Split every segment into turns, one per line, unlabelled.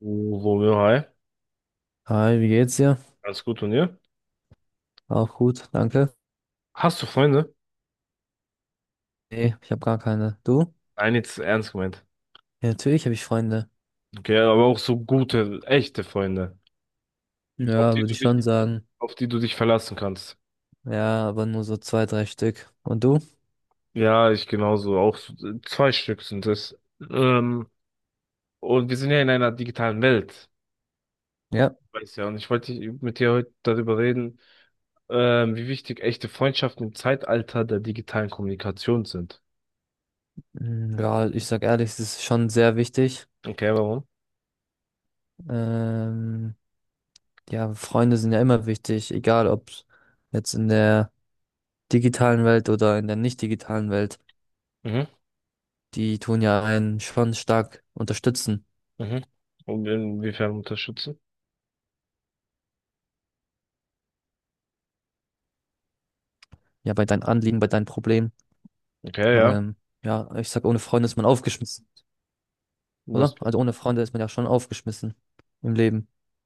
So, ja, hi.
Hi, wie geht's dir?
Alles gut und ihr?
Auch gut, danke.
Hast du Freunde?
Nee, ich habe gar keine. Du?
Nein, jetzt ernst gemeint.
Ja, natürlich habe ich Freunde.
Okay, aber auch so gute, echte Freunde, auf
Ja,
die
würde
du
ich schon
dich,
sagen.
auf die du dich verlassen kannst.
Ja, aber nur so zwei, drei Stück. Und du?
Ja, ich genauso. Auch zwei Stück sind es. Ähm, und wir sind ja in einer digitalen Welt.
Ja.
Weiß ja, und ich wollte mit dir heute darüber reden, wie wichtig echte Freundschaften im Zeitalter der digitalen Kommunikation sind.
Mm, ja, ich sag ehrlich, es ist schon sehr wichtig.
Okay, warum?
Ähm, ja, Freunde sind ja immer wichtig, egal ob jetzt in der digitalen Welt oder in der nicht digitalen Welt.
Mhm,
Die tun ja einen schon stark unterstützen.
mhm. Und inwiefern unterstützen?
Ja, bei deinen Anliegen, bei deinen Problemen.
Okay, ja.
Ähm, ja, ich sag, ohne Freunde ist man aufgeschmissen.
Was?
Oder? Also ohne Freunde ist man ja schon aufgeschmissen im Leben.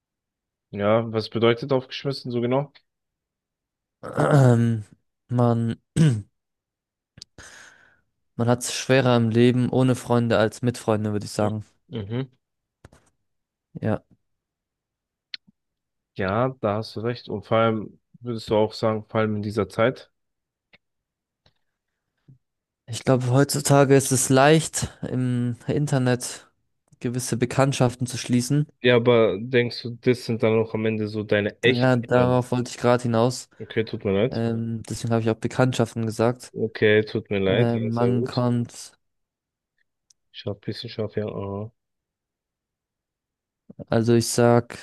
Ja, was bedeutet aufgeschmissen so genau?
Ähm, man, Man hat es schwerer im Leben ohne Freunde als mit Freunden, würde ich
Mhm.
sagen.
Mhm.
Ja.
Ja, da hast du recht. Und vor allem, würdest du auch sagen, vor allem in dieser Zeit?
Ich glaube, heutzutage ist es leicht, im Internet gewisse Bekanntschaften zu schließen.
Ja, aber denkst du, das sind dann auch am Ende so deine
Ja,
echten Freunde?
darauf wollte ich gerade hinaus.
Okay, tut mir leid.
Deswegen habe ich auch Bekanntschaften gesagt.
Okay, tut mir leid. Ja,
Ähm,
sehr
man
gut.
kommt,
Scharf, bisschen scharf, ja. Aha.
also ich sag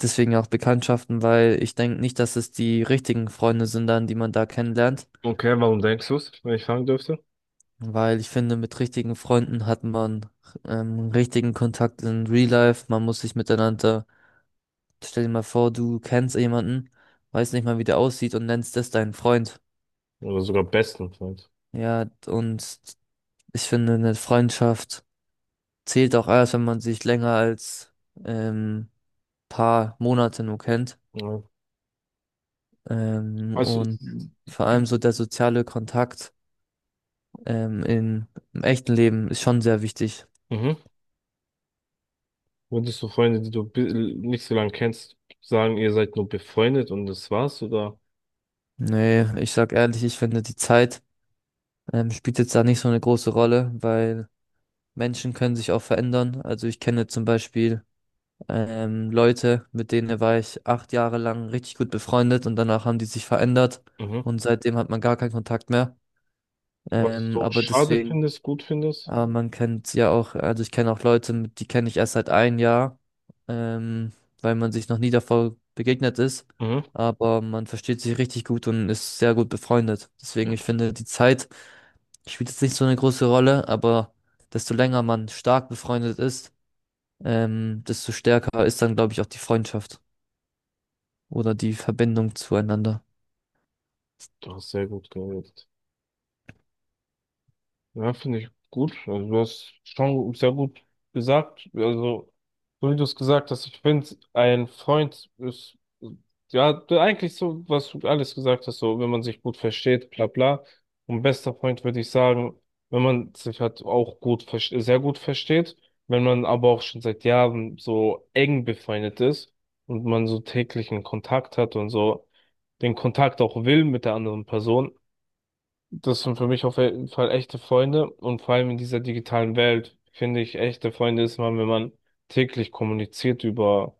deswegen auch Bekanntschaften, weil ich denke nicht, dass es die richtigen Freunde sind, dann, die man da kennenlernt.
Okay, warum denkst du es, wenn ich fragen dürfte?
Weil ich finde, mit richtigen Freunden hat man richtigen Kontakt in Real Life. Man muss sich miteinander. Stell dir mal vor, du kennst jemanden, weiß nicht mal, wie der aussieht und nennst das deinen Freund.
Oder sogar besten Freund.
Ja, und ich finde, eine Freundschaft zählt auch erst, wenn man sich länger als ähm, paar Monate nur kennt.
Ja. Also,
Und vor allem so der soziale Kontakt ähm, in, im echten Leben ist schon sehr wichtig.
mhm. Würdest du Freunde, die du nicht so lange kennst, sagen, ihr seid nur befreundet und das war's, oder?
Nee, ich sag ehrlich, ich finde, die Zeit spielt jetzt da nicht so eine große Rolle, weil Menschen können sich auch verändern. Also ich kenne zum Beispiel Leute, mit denen war ich 8 Jahre lang richtig gut befreundet, und danach haben die sich verändert
Mhm.
und seitdem hat man gar keinen Kontakt mehr.
Was
Ähm,
du
aber
schade
deswegen
findest, gut findest?
aber man kennt ja auch, also ich kenne auch Leute, die kenne ich erst seit 1 Jahr, ähm, weil man sich noch nie davor begegnet ist.
Mhm.
Aber man versteht sich richtig gut und ist sehr gut befreundet. Deswegen, ich
Ja,
finde, die Zeit spielt jetzt nicht so eine große Rolle, aber desto länger man stark befreundet ist, desto stärker ist dann, glaube ich, auch die Freundschaft oder die Verbindung zueinander.
du hast sehr gut geredet. Ja, finde ich gut. Also du hast schon sehr gut gesagt. Also, so wie du es gesagt hast, ich finde, ein Freund ist, ja, eigentlich so, was du alles gesagt hast, so, wenn man sich gut versteht, bla bla. Und bester Freund würde ich sagen, wenn man sich halt auch gut, sehr gut versteht, wenn man aber auch schon seit Jahren so eng befreundet ist und man so täglichen Kontakt hat und so den Kontakt auch will mit der anderen Person. Das sind für mich auf jeden Fall echte Freunde und vor allem in dieser digitalen Welt finde ich, echte Freunde ist man, wenn man täglich kommuniziert über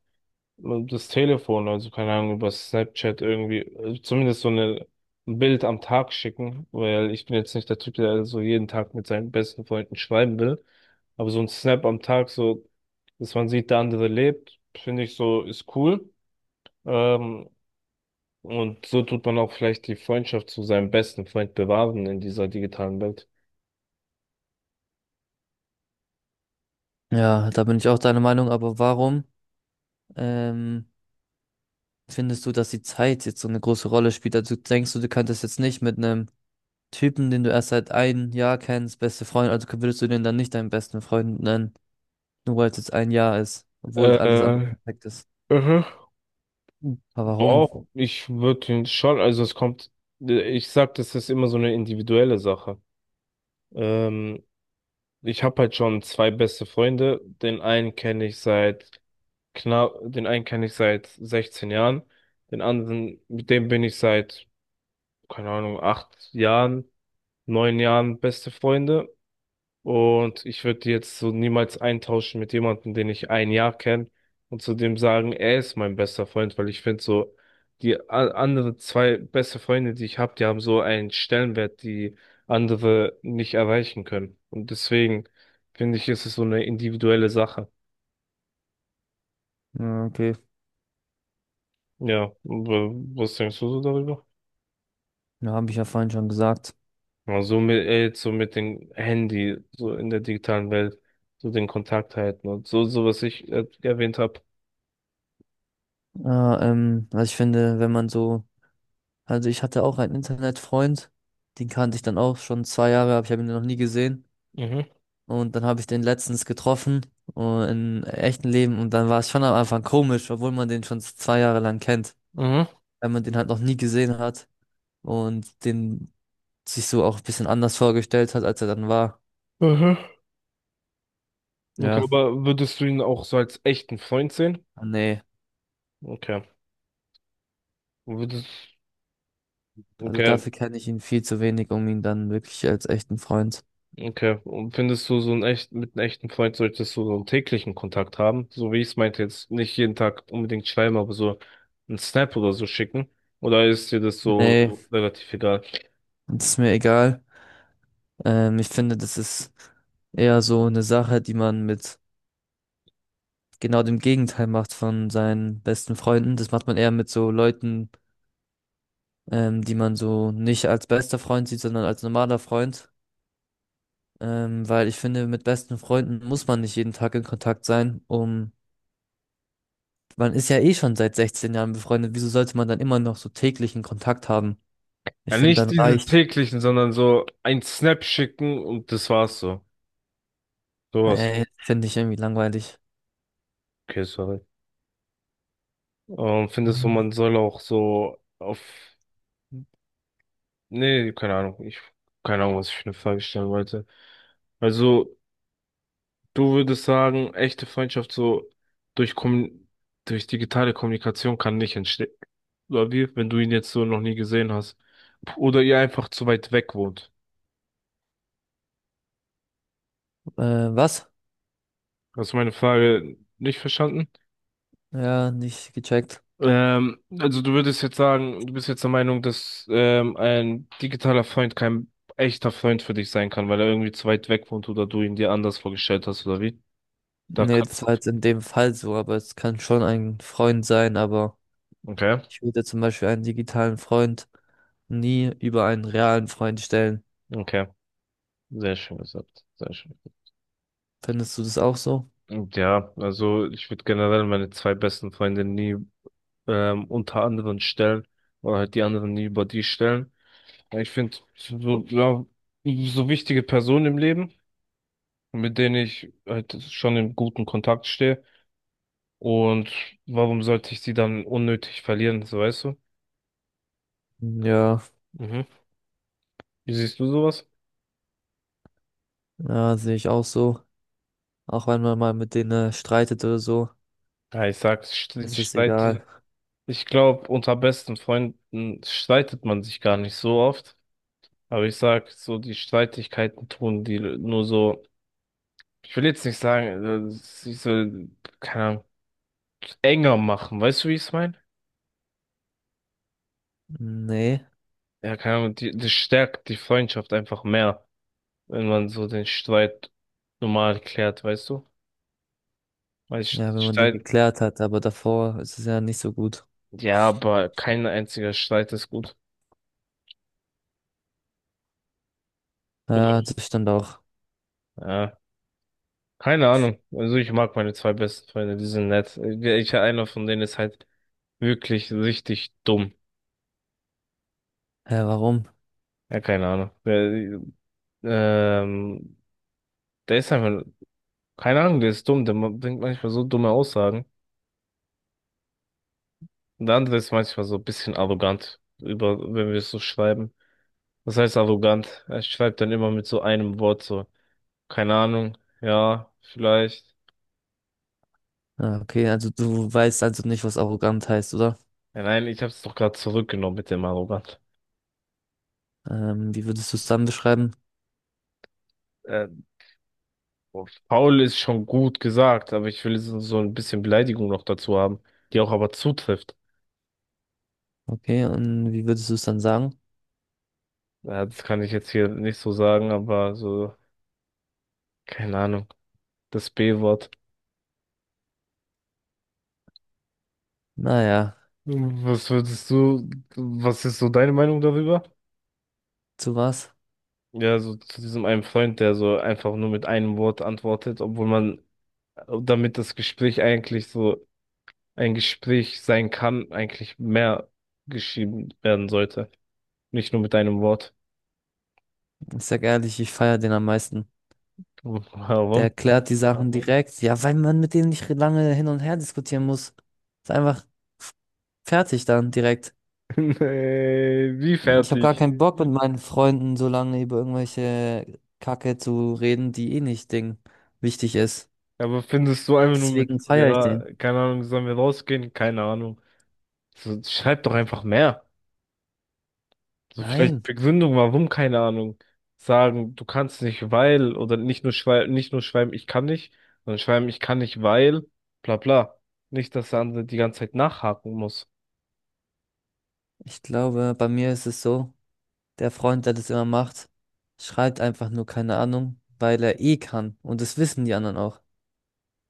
das Telefon, also keine Ahnung, über Snapchat irgendwie, also zumindest so eine, ein Bild am Tag schicken, weil ich bin jetzt nicht der Typ, der so jeden Tag mit seinen besten Freunden schreiben will, aber so ein Snap am Tag, so, dass man sieht, der andere lebt, finde ich so, ist cool. Ähm, und so tut man auch vielleicht die Freundschaft zu seinem besten Freund bewahren in dieser digitalen Welt.
Ja, da bin ich auch deiner Meinung, aber warum? Ähm, findest du, dass die Zeit jetzt so eine große Rolle spielt? Also denkst du, du könntest jetzt nicht mit einem Typen, den du erst seit 1 Jahr kennst, beste Freund, also würdest du den dann nicht deinen besten Freund nennen, nur weil es jetzt 1 Jahr ist, obwohl alles andere
Äh,
perfekt ist.
mhm.
Aber warum?
Doch, ich würde ihn schon, also es kommt, ich sag, das ist immer so eine individuelle Sache. Ähm, Ich habe halt schon zwei beste Freunde. Den einen kenne ich seit 16 Jahren. Den anderen, mit dem bin ich seit, keine Ahnung, 8 Jahren, 9 Jahren beste Freunde. Und ich würde die jetzt so niemals eintauschen mit jemandem, den ich ein Jahr kenne und zu dem sagen, er ist mein bester Freund, weil ich finde so, die anderen zwei beste Freunde, die ich habe, die haben so einen Stellenwert, die andere nicht erreichen können. Und deswegen finde ich, ist es so eine individuelle Sache.
Ja, okay,
Ja, was denkst du so darüber?
ja, habe ich ja vorhin schon gesagt.
Ja, so mit, jetzt so mit dem Handy, so in der digitalen Welt, so den Kontakt halten und so, so was ich erwähnt habe.
Ja, also ich finde, wenn man so, also ich hatte auch einen Internetfreund, den kannte ich dann auch schon 2 Jahre, aber ich habe ihn noch nie gesehen.
Mhm.
Und dann habe ich den letztens getroffen in echten Leben und dann war es schon am Anfang komisch, obwohl man den schon 2 Jahre lang kennt,
Mhm.
weil man den halt noch nie gesehen hat und den sich so auch ein bisschen anders vorgestellt hat, als er dann war.
Mhm. Okay,
Ja,
aber würdest du ihn auch so als echten Freund sehen?
ah, nee,
Okay. Würdest,
also
okay,
dafür kenne ich ihn viel zu wenig, um ihn dann wirklich als echten Freund.
okay. Und findest du so einen echt, mit einem echten Freund solltest du so einen täglichen Kontakt haben? So wie ich es meinte, jetzt nicht jeden Tag unbedingt schreiben, aber so einen Snap oder so schicken? Oder ist dir das so
Nee,
relativ egal?
das ist mir egal. Ich finde, das ist eher so eine Sache, die man mit genau dem Gegenteil macht von seinen besten Freunden. Das macht man eher mit so Leuten, die man so nicht als bester Freund sieht, sondern als normaler Freund. Weil ich finde, mit besten Freunden muss man nicht jeden Tag in Kontakt sein, um man ist ja eh schon seit 16 Jahren befreundet. Wieso sollte man dann immer noch so täglichen Kontakt haben? Ich
Ja,
finde,
nicht
dann
diese
reicht.
täglichen, sondern so ein Snap schicken und das war's so. Sowas.
Ey, finde ich irgendwie langweilig.
Okay, sorry. Findest du,
Mhm.
man soll auch so auf nee, keine Ahnung. Ich, keine Ahnung, was ich für eine Frage stellen wollte. Also, du würdest sagen, echte Freundschaft so durch Kommun durch digitale Kommunikation kann nicht entstehen. Oder wie, wenn du ihn jetzt so noch nie gesehen hast. Oder ihr einfach zu weit weg wohnt.
Äh, Was?
Hast du meine Frage nicht verstanden?
Ja, nicht gecheckt.
Also du würdest jetzt sagen, du bist jetzt der Meinung, dass ein digitaler Freund kein echter Freund für dich sein kann, weil er irgendwie zu weit weg wohnt oder du ihn dir anders vorgestellt hast, oder wie? Da
Nee,
kann.
das war jetzt in dem Fall so, aber es kann schon ein Freund sein, aber
Okay,
ich würde zum Beispiel einen digitalen Freund nie über einen realen Freund stellen.
okay. Sehr schön gesagt, sehr schön.
Findest du das auch so?
Und ja, also ich würde generell meine zwei besten Freunde nie unter anderen stellen oder halt die anderen nie über die stellen. Ja, ich finde so, ja, so wichtige Personen im Leben, mit denen ich halt schon in guten Kontakt stehe. Und warum sollte ich sie dann unnötig verlieren, so weißt du?
Ja,
Mhm. Wie siehst du sowas?
ja, sehe ich auch so. Auch wenn man mal mit denen streitet oder so,
Ja, ich sag,
ist es egal.
ich glaube, unter besten Freunden streitet man sich gar nicht so oft. Aber ich sag, so die Streitigkeiten tun die nur so, ich will jetzt nicht sagen, sie so, keine Ahnung, enger machen, weißt du, wie ich es meine?
Nee,
Ja, keine Ahnung, die, das stärkt die Freundschaft einfach mehr, wenn man so den Streit normal klärt, weißt du? Weil Sch-
ja, wenn man den
Streit,
geklärt hat, aber davor ist es ja nicht so gut.
ja, aber kein einziger Streit ist gut.
Ja,
Oder?
das stand auch.
Ja, keine Ahnung. Also ich mag meine zwei besten Freunde, die sind nett. Ich, einer von denen ist halt wirklich richtig dumm.
Hä, warum?
Ja, keine Ahnung. Ähm, Der ist einfach, keine Ahnung, der ist dumm, der bringt manchmal so dumme Aussagen. Und der andere ist manchmal so ein bisschen arrogant, über, wenn wir es so schreiben. Was heißt arrogant? Er schreibt dann immer mit so einem Wort so, keine Ahnung, ja, vielleicht.
Ah, okay, also du weißt also nicht, was arrogant heißt, oder?
Ja, nein, ich hab's doch gerade zurückgenommen mit dem arrogant.
Wie würdest du es dann beschreiben?
Äh, Faul ist schon gut gesagt, aber ich will so, so ein bisschen Beleidigung noch dazu haben, die auch aber zutrifft.
Okay, und wie würdest du es dann sagen?
Ja, das kann ich jetzt hier nicht so sagen, aber so, keine Ahnung, das B-Wort.
Naja,
Was würdest du, was ist so deine Meinung darüber?
zu was?
Ja, so zu diesem einen Freund, der so einfach nur mit einem Wort antwortet, obwohl man, damit das Gespräch eigentlich so ein Gespräch sein kann, eigentlich mehr geschrieben werden sollte. Nicht nur mit einem Wort.
Ich sag ehrlich, ich feier den am meisten. Der
Warum?
erklärt die Sachen direkt. Ja, weil man mit denen nicht lange hin und her diskutieren muss. Ist einfach fertig dann direkt.
Nee, wie
Ich habe gar
fertig?
keinen Bock, mit meinen Freunden so lange über irgendwelche Kacke zu reden, die eh nicht Ding wichtig ist.
Aber findest du einfach nur mit,
Deswegen feiere ich
ja,
den.
keine Ahnung, sollen wir rausgehen? Keine Ahnung. So, schreib doch einfach mehr. So
Nein,
vielleicht Begründung, warum, keine Ahnung. Sagen, du kannst nicht, weil, oder nicht nur schreiben, nicht nur schreiben, ich kann nicht, sondern schreiben, ich kann nicht, weil, bla bla. Nicht, dass der andere die ganze Zeit nachhaken muss.
ich glaube, bei mir ist es so, der Freund, der das immer macht, schreibt einfach nur keine Ahnung, weil er eh kann. Und das wissen die anderen auch.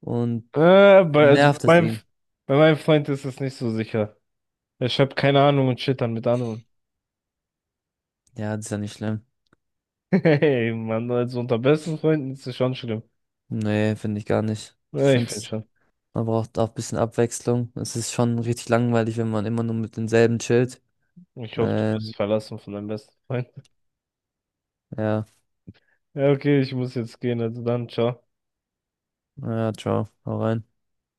Und
Also
nervt es
bei meinem,
ihn.
bei meinem Freund ist es nicht so sicher. Er schreibt keine Ahnung und shit dann mit anderen.
Ja, das ist ja nicht schlimm.
Hey, Mann, also unter besten Freunden ist es schon schlimm.
Nee, finde ich gar nicht. Ich
Ja, ich
finde,
finde schon.
man braucht auch ein bisschen Abwechslung. Es ist schon richtig langweilig, wenn man immer nur mit denselben chillt.
Ich hoffe, du
Ähm,
wirst verlassen von deinem besten Freund.
ja.
Ja, okay, ich muss jetzt gehen, also dann, ciao.
Ja, ciao, hau rein.